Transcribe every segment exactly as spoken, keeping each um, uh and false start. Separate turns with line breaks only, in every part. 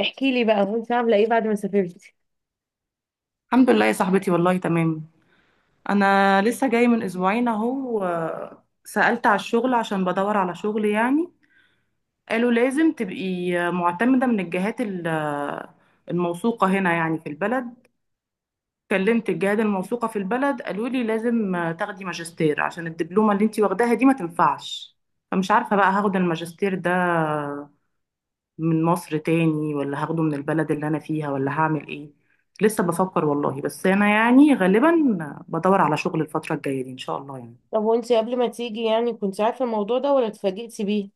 احكي لي بقى وانت عامله ايه بعد ما سافرتي؟
الحمد لله يا صاحبتي، والله تمام. انا لسه جاي من اسبوعين اهو. آه، سألت على الشغل عشان بدور على شغل يعني. قالوا لازم تبقي معتمدة من الجهات ال- آه، الموثوقة هنا يعني في البلد. كلمت الجهات الموثوقة في البلد، قالوا لي لازم آه، تاخدي ماجستير عشان الدبلومة اللي انتي واخداها دي ما تنفعش. فمش عارفة بقى هاخد الماجستير ده من مصر تاني، ولا هاخده من البلد اللي أنا فيها، ولا هعمل إيه. لسه بفكر والله، بس أنا يعني غالبا بدور على شغل الفترة الجاية دي إن شاء الله يعني.
طب وانت قبل ما تيجي يعني كنت عارفه الموضوع ده ولا اتفاجئتي بيه؟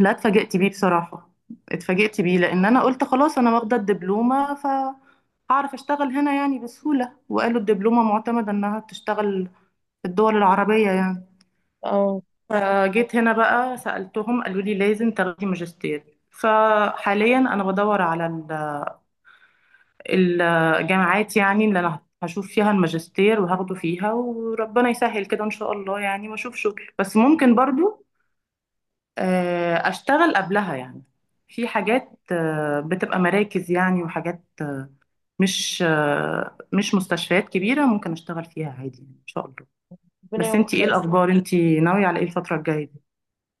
لا، اتفاجئت بيه بصراحة. اتفاجئت بيه لأن أنا قلت خلاص أنا واخدة الدبلومة، ف هعرف اشتغل هنا يعني بسهولة، وقالوا الدبلومة معتمدة انها تشتغل في الدول العربية يعني.
اه،
فجيت هنا بقى سألتهم، قالوا لي لازم تاخدي ماجستير. فحاليا انا بدور على الجامعات يعني اللي انا هشوف فيها الماجستير وهاخده فيها، وربنا يسهل كده ان شاء الله يعني، واشوف شغل. بس ممكن برضو آه، اشتغل قبلها يعني في حاجات آه، بتبقى مراكز يعني، وحاجات مش آه، مش مستشفيات كبيرة، ممكن اشتغل فيها عادي يعني ان شاء الله.
ربنا
بس انتي ايه
يوفقك.
الاخبار؟ انتي ناوية على ايه الفترة الجاية دي؟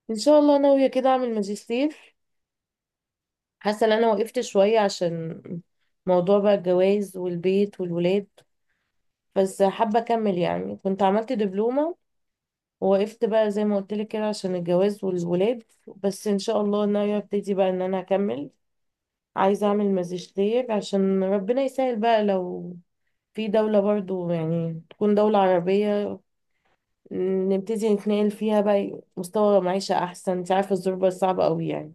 ان شاء الله ناويه كده اعمل ماجستير. حاسه ان انا وقفت شويه عشان موضوع بقى الجواز والبيت والولاد، بس حابه اكمل. يعني كنت عملت دبلومه ووقفت بقى زي ما قلت لك كده عشان الجواز والولاد. بس ان شاء الله ناويه ابتدي بقى ان انا اكمل، عايزه اعمل ماجستير عشان ربنا يسهل بقى لو في دولة برضو يعني تكون دولة عربية، نبتدي نتنقل فيها بقى، مستوى معيشة أحسن. انت عارفة الظروف صعبة أوي يعني.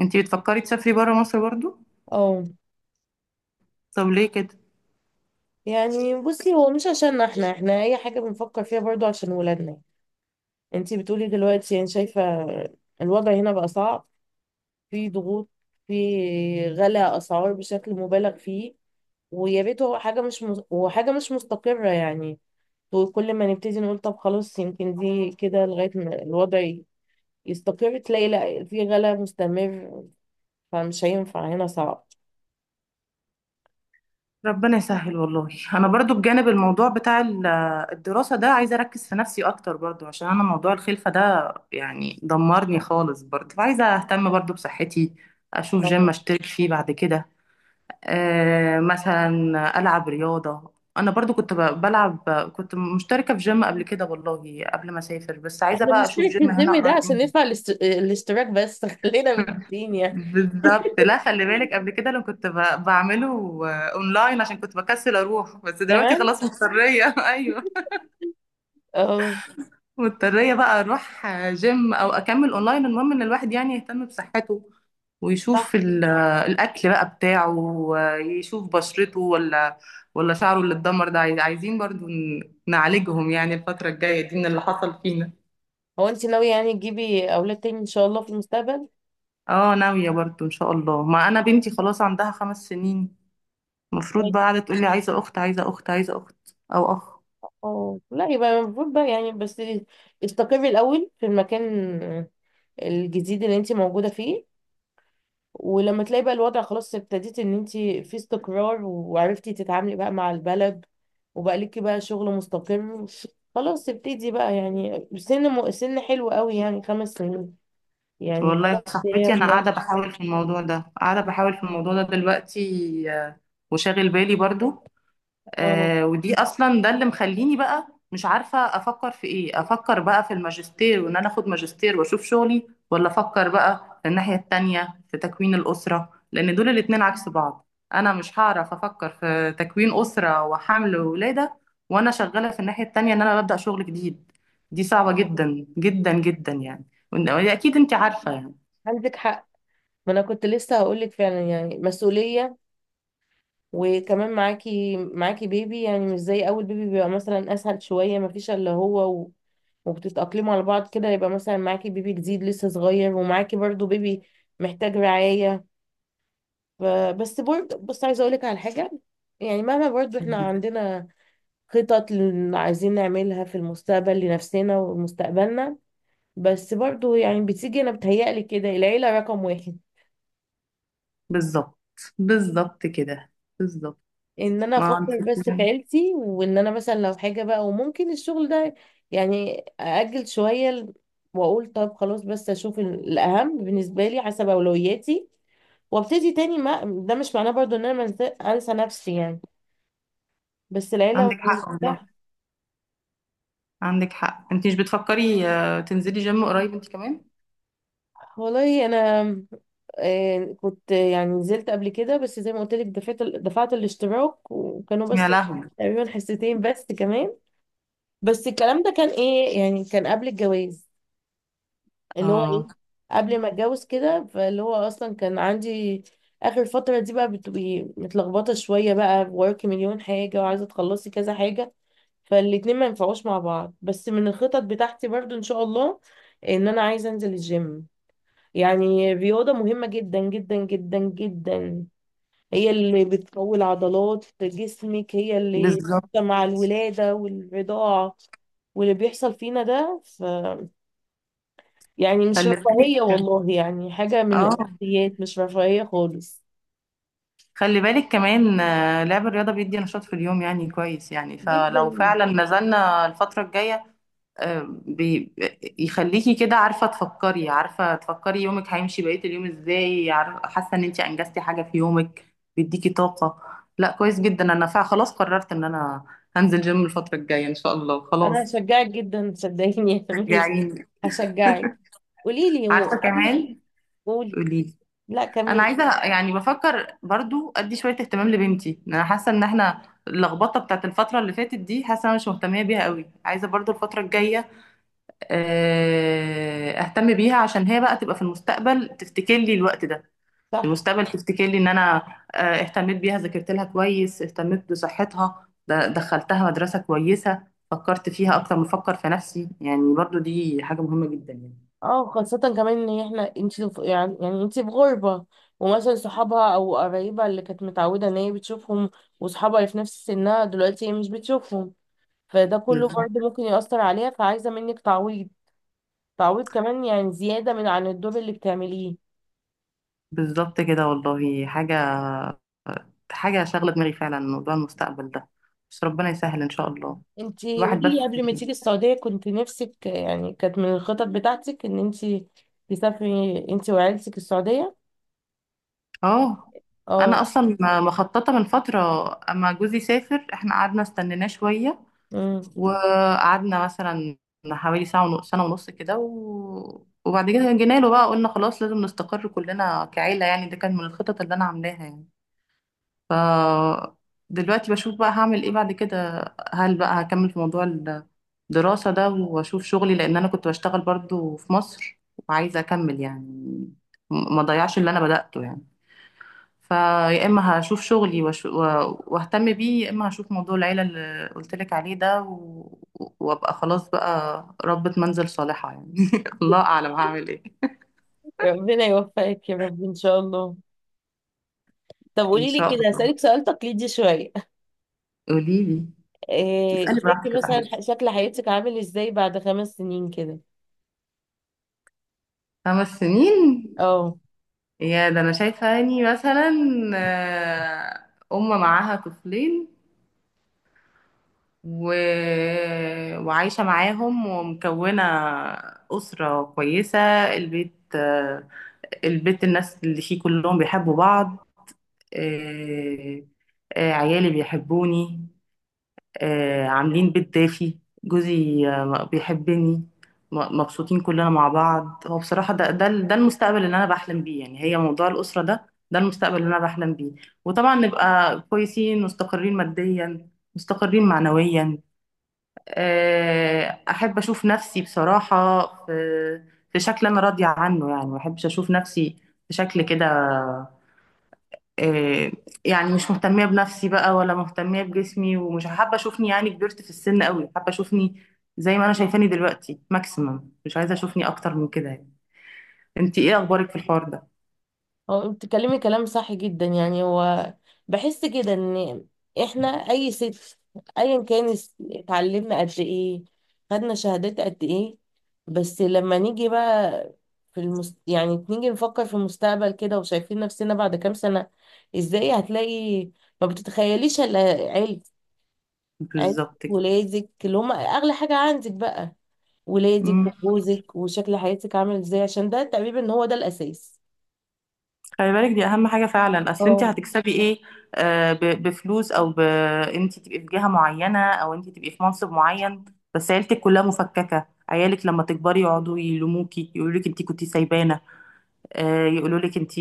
انتي بتفكري تسافري برا مصر برضو؟
اه،
طب ليه كده؟
يعني بصي هو مش عشان احنا احنا أي حاجة بنفكر فيها برضو عشان ولادنا. انتي بتقولي دلوقتي، يعني شايفة الوضع هنا بقى صعب، في ضغوط، في غلاء أسعار بشكل مبالغ فيه، ويا ريت. هو حاجة مش مز... وحاجة مش مستقرة يعني، وكل ما نبتدي نقول طب خلاص يمكن دي كده لغاية ما الوضع يستقر، تلاقي لا، في غلا مستمر، فمش هينفع، هنا صعب.
ربنا يسهل والله. انا برضو بجانب الموضوع بتاع ال- الدراسة ده عايزة اركز في نفسي اكتر برضو، عشان انا موضوع الخلفة ده يعني دمرني خالص. برضو فعايزة اهتم برضو بصحتي، اشوف جيم
اه،
اشترك فيه بعد كده. أه، مثلا العب رياضة. انا برضو كنت ب- بلعب، كنت مشتركة في جيم قبل كده والله، قبل ما اسافر، بس عايزة
احنا
بقى اشوف
بنشترك في
جيم هنا
الجيم ده
قريب
عشان
مني.
ندفع الاست- الاشتراك بس خلينا بالتين يعني.
بالظبط. لا خلي بالك، قبل كده لو كنت ب- بعمله آه، اونلاين عشان كنت بكسل اروح، بس دلوقتي
كمان.
خلاص مضطريه ايوه،
اه،
مضطريه بقى اروح آه، جيم او اكمل اونلاين. المهم ان الواحد يعني يهتم بصحته،
صح.
ويشوف ال- آه، الاكل بقى بتاعه، ويشوف بشرته، ولا ولا شعره اللي اتدمر ده، عايز- عايزين برضو ن- نعالجهم يعني الفتره الجايه دي من اللي حصل فينا.
هو انت ناوية يعني تجيبي اولاد تاني ان شاء الله في المستقبل؟
اه، ناويه برضو ان شاء الله. ما انا بنتي خلاص عندها خمس سنين، المفروض بقى قاعدة تقول لي عايزة أخت، عايزة أخت، عايزة أخت، أو أخ.
اه، لا يبقى المفروض بقى يعني، بس استقري الاول في المكان الجديد اللي انت موجودة فيه، ولما تلاقي بقى الوضع خلاص، ابتديت ان انت في استقرار وعرفتي تتعاملي بقى مع البلد وبقى ليكي بقى شغل مستقر، خلاص ابتدي بقى. يعني سن م... سن حلو قوي يعني خمس سنين، يعني
والله يا
خلاص هي
صاحبتي، أنا
مو-
قاعدة بحاول في الموضوع ده، قاعدة بحاول في الموضوع ده دلوقتي، آه، وشاغل بالي برضو.
اه،
آه، ودي اصلا ده اللي مخليني بقى مش عارفه افكر في ايه. افكر بقى في الماجستير وان انا اخد ماجستير واشوف شغلي، ولا افكر بقى في الناحيه التانية في تكوين الاسره؟ لان دول الاتنين عكس بعض. انا مش هعرف افكر في تكوين اسره وحمل ولاده وانا شغاله في الناحيه التانية ان انا ببدا شغل جديد. دي صعبه جدا جدا جدا يعني. وإن- اكيد انت عارفه يعني.
عندك حق. ما انا كنت لسه هقول لك فعلا يعني مسؤولية، وكمان معاكي، معاكي بيبي يعني مش زي اول بيبي، بيبقى مثلا اسهل شوية، ما فيش الا هو و... وبتتأقلموا على بعض كده. يبقى مثلا معاكي بيبي جديد لسه صغير، ومعاكي برضو بيبي محتاج رعاية. ف- بس برضه بص، عايزه اقول لك على حاجه. يعني مهما برضه احنا عندنا خطط اللي عايزين نعملها في المستقبل لنفسنا ومستقبلنا، بس برضه يعني بتيجي، انا بتهيألي كده العيله رقم واحد.
بالظبط، بالظبط كده، بالظبط.
ان انا
ما انت.
افكر بس في عيلتي، وان انا مثلا لو حاجه بقى، وممكن الشغل ده يعني ااجل شويه ل- واقول طب خلاص، بس اشوف ال- الاهم بالنسبه لي حسب اولوياتي، وابتدي تاني. ما ده مش معناه برضه ان انا منسى- انسى نفسي يعني، بس العيله.
عندك حق، عندك حق. انت مش بتفكري آه، تنزلي جيم قريب انت كمان؟
والله انا آه، كنت يعني نزلت قبل كده، بس زي ما قلت لك دفعت دفعت الاشتراك وكانوا
يا
بس
لهوي.
تقريبا حصتين بس كمان. بس الكلام ده كان ايه يعني، كان قبل الجواز، اللي هو ايه،
اه،
قبل ما اتجوز كده. فاللي هو اصلا كان عندي اخر فترة دي بقى بتبقي متلخبطة شوية بقى، وراكي مليون حاجة وعايزة تخلصي كذا حاجة، فالاتنين ما ينفعوش مع بعض. بس من الخطط بتاعتي برضو ان شاء الله ان انا عايزة انزل الجيم. يعني الرياضة مهمة جدا جدا جدا جدا، هي اللي بتقوي عضلات جسمك، هي اللي
بالظبط.
مع الولادة والرضاعة واللي بيحصل فينا ده ف... يعني مش
خلي
رفاهية
بالك.
والله، يعني حاجة من
اه،
الأساسيات، مش رفاهية خالص.
خلي بالك كمان. آه، لعب الرياضة بيدي نشاط في اليوم يعني، كويس يعني.
جدا.
فلو فعلا نزلنا الفترة الجاية آه، بي يخليكي كده عارفة تفكري، عارفة تفكري يومك هيمشي بقية اليوم ازاي، عارفة حاسة ان انت انجزتي حاجة في يومك، بيديكي طاقة. لا، كويس جدا. انا فعلا خلاص قررت ان انا هنزل جيم الفترة الجاية ان شاء الله،
أنا
خلاص.
هشجعك جدا صدقيني يا ميس.
شجعيني.
هشجعك. قولي لي، هو
عارفه
قبل ما،
كمان.
قولي.
قولي لي.
لا
انا
كملي.
عايزه يعني بفكر برضو ادي شويه اهتمام لبنتي. انا حاسه ان احنا اللخبطه بتاعت الفتره اللي فاتت دي حاسه انا مش مهتميه بيها قوي. عايزه برضو الفتره الجايه آه، اهتم بيها، عشان هي بقى تبقى في المستقبل تفتكر لي الوقت ده، في
صح.
المستقبل تفتكر لي ان انا آه، اهتميت بيها، ذاكرت لها كويس، اهتميت بصحتها، د- دخلتها مدرسه كويسه، فكرت فيها اكتر ما افكر في نفسي يعني. برضو دي حاجه مهمه جدا يعني.
اه، خاصة كمان ان احنا، انتي في- يعني يعني انتي في غربة، ومثلا صحابها او قرايبها اللي كانت متعودة ان هي بتشوفهم، وصحابها اللي في نفس سنها دلوقتي هي مش بتشوفهم، فده كله برضه
بالظبط،
ممكن يأثر عليها، فعايزة منك تعويض، تعويض كمان يعني زيادة من عن الدور اللي بتعمليه.
بالظبط كده. والله حاجة حاجة شاغلة دماغي فعلا موضوع المستقبل ده، بس ربنا يسهل إن شاء الله.
انتي
الواحد بس.
قوليلي، قبل ما تيجي السعودية كنت نفسك يعني، كانت من الخطط بتاعتك ان انتي تسافري انتي وعيلتك السعودية؟
اه، أنا
اه.
أصلا مخططة من فترة. أما جوزي سافر، إحنا قعدنا استنيناه شوية،
أمم.
وقعدنا مثلا حوالي ساعة ونص سنة ونص كده، و... وبعد كده جينا له بقى، قلنا خلاص لازم نستقر كلنا كعيلة يعني. ده كان من الخطط اللي أنا عاملاها يعني. ف دلوقتي بشوف بقى هعمل ايه بعد كده. هل بقى هكمل في موضوع الدراسة ده واشوف شغلي، لان انا كنت بشتغل برضو في مصر، وعايزة اكمل يعني، م- ما ضيعش اللي انا بدأته يعني. فيا اما هشوف شغلي وأش- و- واهتم بيه، يا اما هشوف موضوع العيلة اللي قلت لك عليه ده، و... وابقى خلاص بقى ربة منزل صالحة يعني الله اعلم هعمل ايه.
ربنا يوفقك يا رب ان شاء الله. طب
ان
قولي لي
شاء
كده،
الله.
هسألك سؤال تقليدي شوية،
قولي لي.
إيه
اسألي براحتك
شايفة
يا
مثلا ح-
صاحبتي.
شكل حياتك عامل ازاي بعد خمس سنين كده؟
خمس سنين؟
اه،
يا ده، انا شايفه اني مثلا آه، ام معاها طفلين، و... وعايشه معاهم، ومكونه اسره كويسه. البيت آه، البيت، الناس اللي فيه كلهم بيحبوا بعض. آه، آه، عيالي بيحبوني، آه، عاملين بيت دافي، جوزي آه، بيحبني. م- مبسوطين كلنا مع بعض. هو بصراحة ده ده ده المستقبل اللي أنا بحلم بيه يعني. هي موضوع الأسرة ده، ده المستقبل اللي أنا بحلم بيه. وطبعا نبقى كويسين مستقرين ماديا، مستقرين معنويا. آه، أحب أشوف نفسي بصراحة في في شكل أنا راضية عنه يعني. ما أحبش أشوف نفسي في شكل كده، آه، يعني مش مهتمية بنفسي بقى، ولا مهتمية بجسمي، ومش حابة اشوفني يعني كبرت في السن قوي. حابة اشوفني زي ما انا شايفاني دلوقتي ماكسيمم، مش عايزة اشوفني اكتر من كده يعني. انت ايه اخبارك في الحوار ده؟
هو بتتكلمي كلام صح جدا. يعني هو بحس كده ان احنا اي ست، ايا كان الس- اتعلمنا قد ايه، خدنا شهادات قد ايه، بس لما نيجي بقى في المست... يعني نيجي نفكر في المستقبل كده وشايفين نفسنا بعد كام سنة ازاي، هتلاقي ما بتتخيليش الا علم، عيلة،
بالظبط كده.
ولادك اللي هم اغلى حاجة عندك بقى، ولادك
مم.
وجوزك وشكل حياتك عامل ازاي، عشان ده تقريبا ان هو ده الاساس.
خلي بالك، دي اهم حاجة فعلا. اصل انت
اه،
هتكسبي ايه؟ آه، ب- بفلوس، او ب... انت تبقي في جهة معينة، او انت تبقي في منصب معين، بس عيلتك كلها مفككة. عيالك لما تكبري يقعدوا يلوموكي، يقولوا لك انت كنتي سايبانا، آه، يقولوا لك انت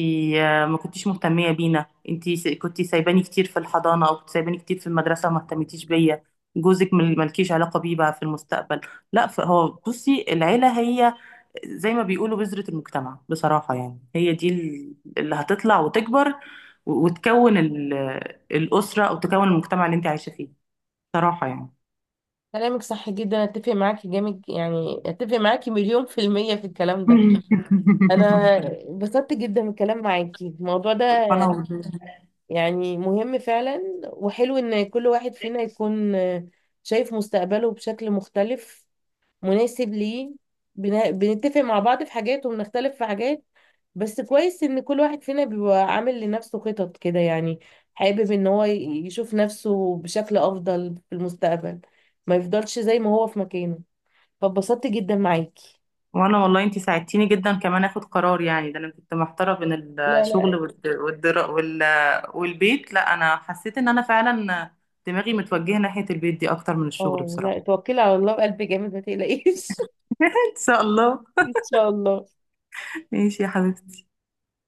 ما كنتيش مهتميه بينا، انت كنت سايباني كتير في الحضانه، او كنت سايباني كتير في المدرسه وما اهتمتيش بيا. جوزك مل- ملكيش علاقه بيه بقى في المستقبل. لا، فهو بصي، العيله هي زي ما بيقولوا بذره المجتمع بصراحه يعني. هي دي ال- اللي هتطلع وتكبر، و- وتكون ال- الاسره، او تكون المجتمع اللي انت عايشه فيه بصراحه يعني.
كلامك صح جدا، اتفق معاكي جامد. يعني اتفق معاكي مليون في المية في الكلام ده. انا اتبسطت جدا من الكلام معاكي الموضوع ده،
انا
يعني مهم فعلا. وحلو ان كل واحد فينا يكون شايف مستقبله بشكل مختلف مناسب ليه، بن- بنتفق مع بعض في حاجات وبنختلف في حاجات، بس كويس ان كل واحد فينا بيبقى عامل لنفسه خطط كده يعني، حابب ان هو ي- يشوف نفسه بشكل افضل في المستقبل، ما يفضلش زي ما هو في مكانه. فاتبسطت جدا معاكي.
وانا والله انتي ساعدتيني جدا كمان اخد قرار يعني. ده انا كنت محتاره بين
لا
الشغل
لا.
والد- والدرا وال... والبيت. لا، انا حسيت ان انا فعلا دماغي متوجهه ناحيه البيت دي اكتر من الشغل
اه
بصراحه.
لا، توكلي على الله بقلب جامد، ما تقلقيش.
ان شاء الله.
ان شاء الله.
ماشي يا حبيبتي.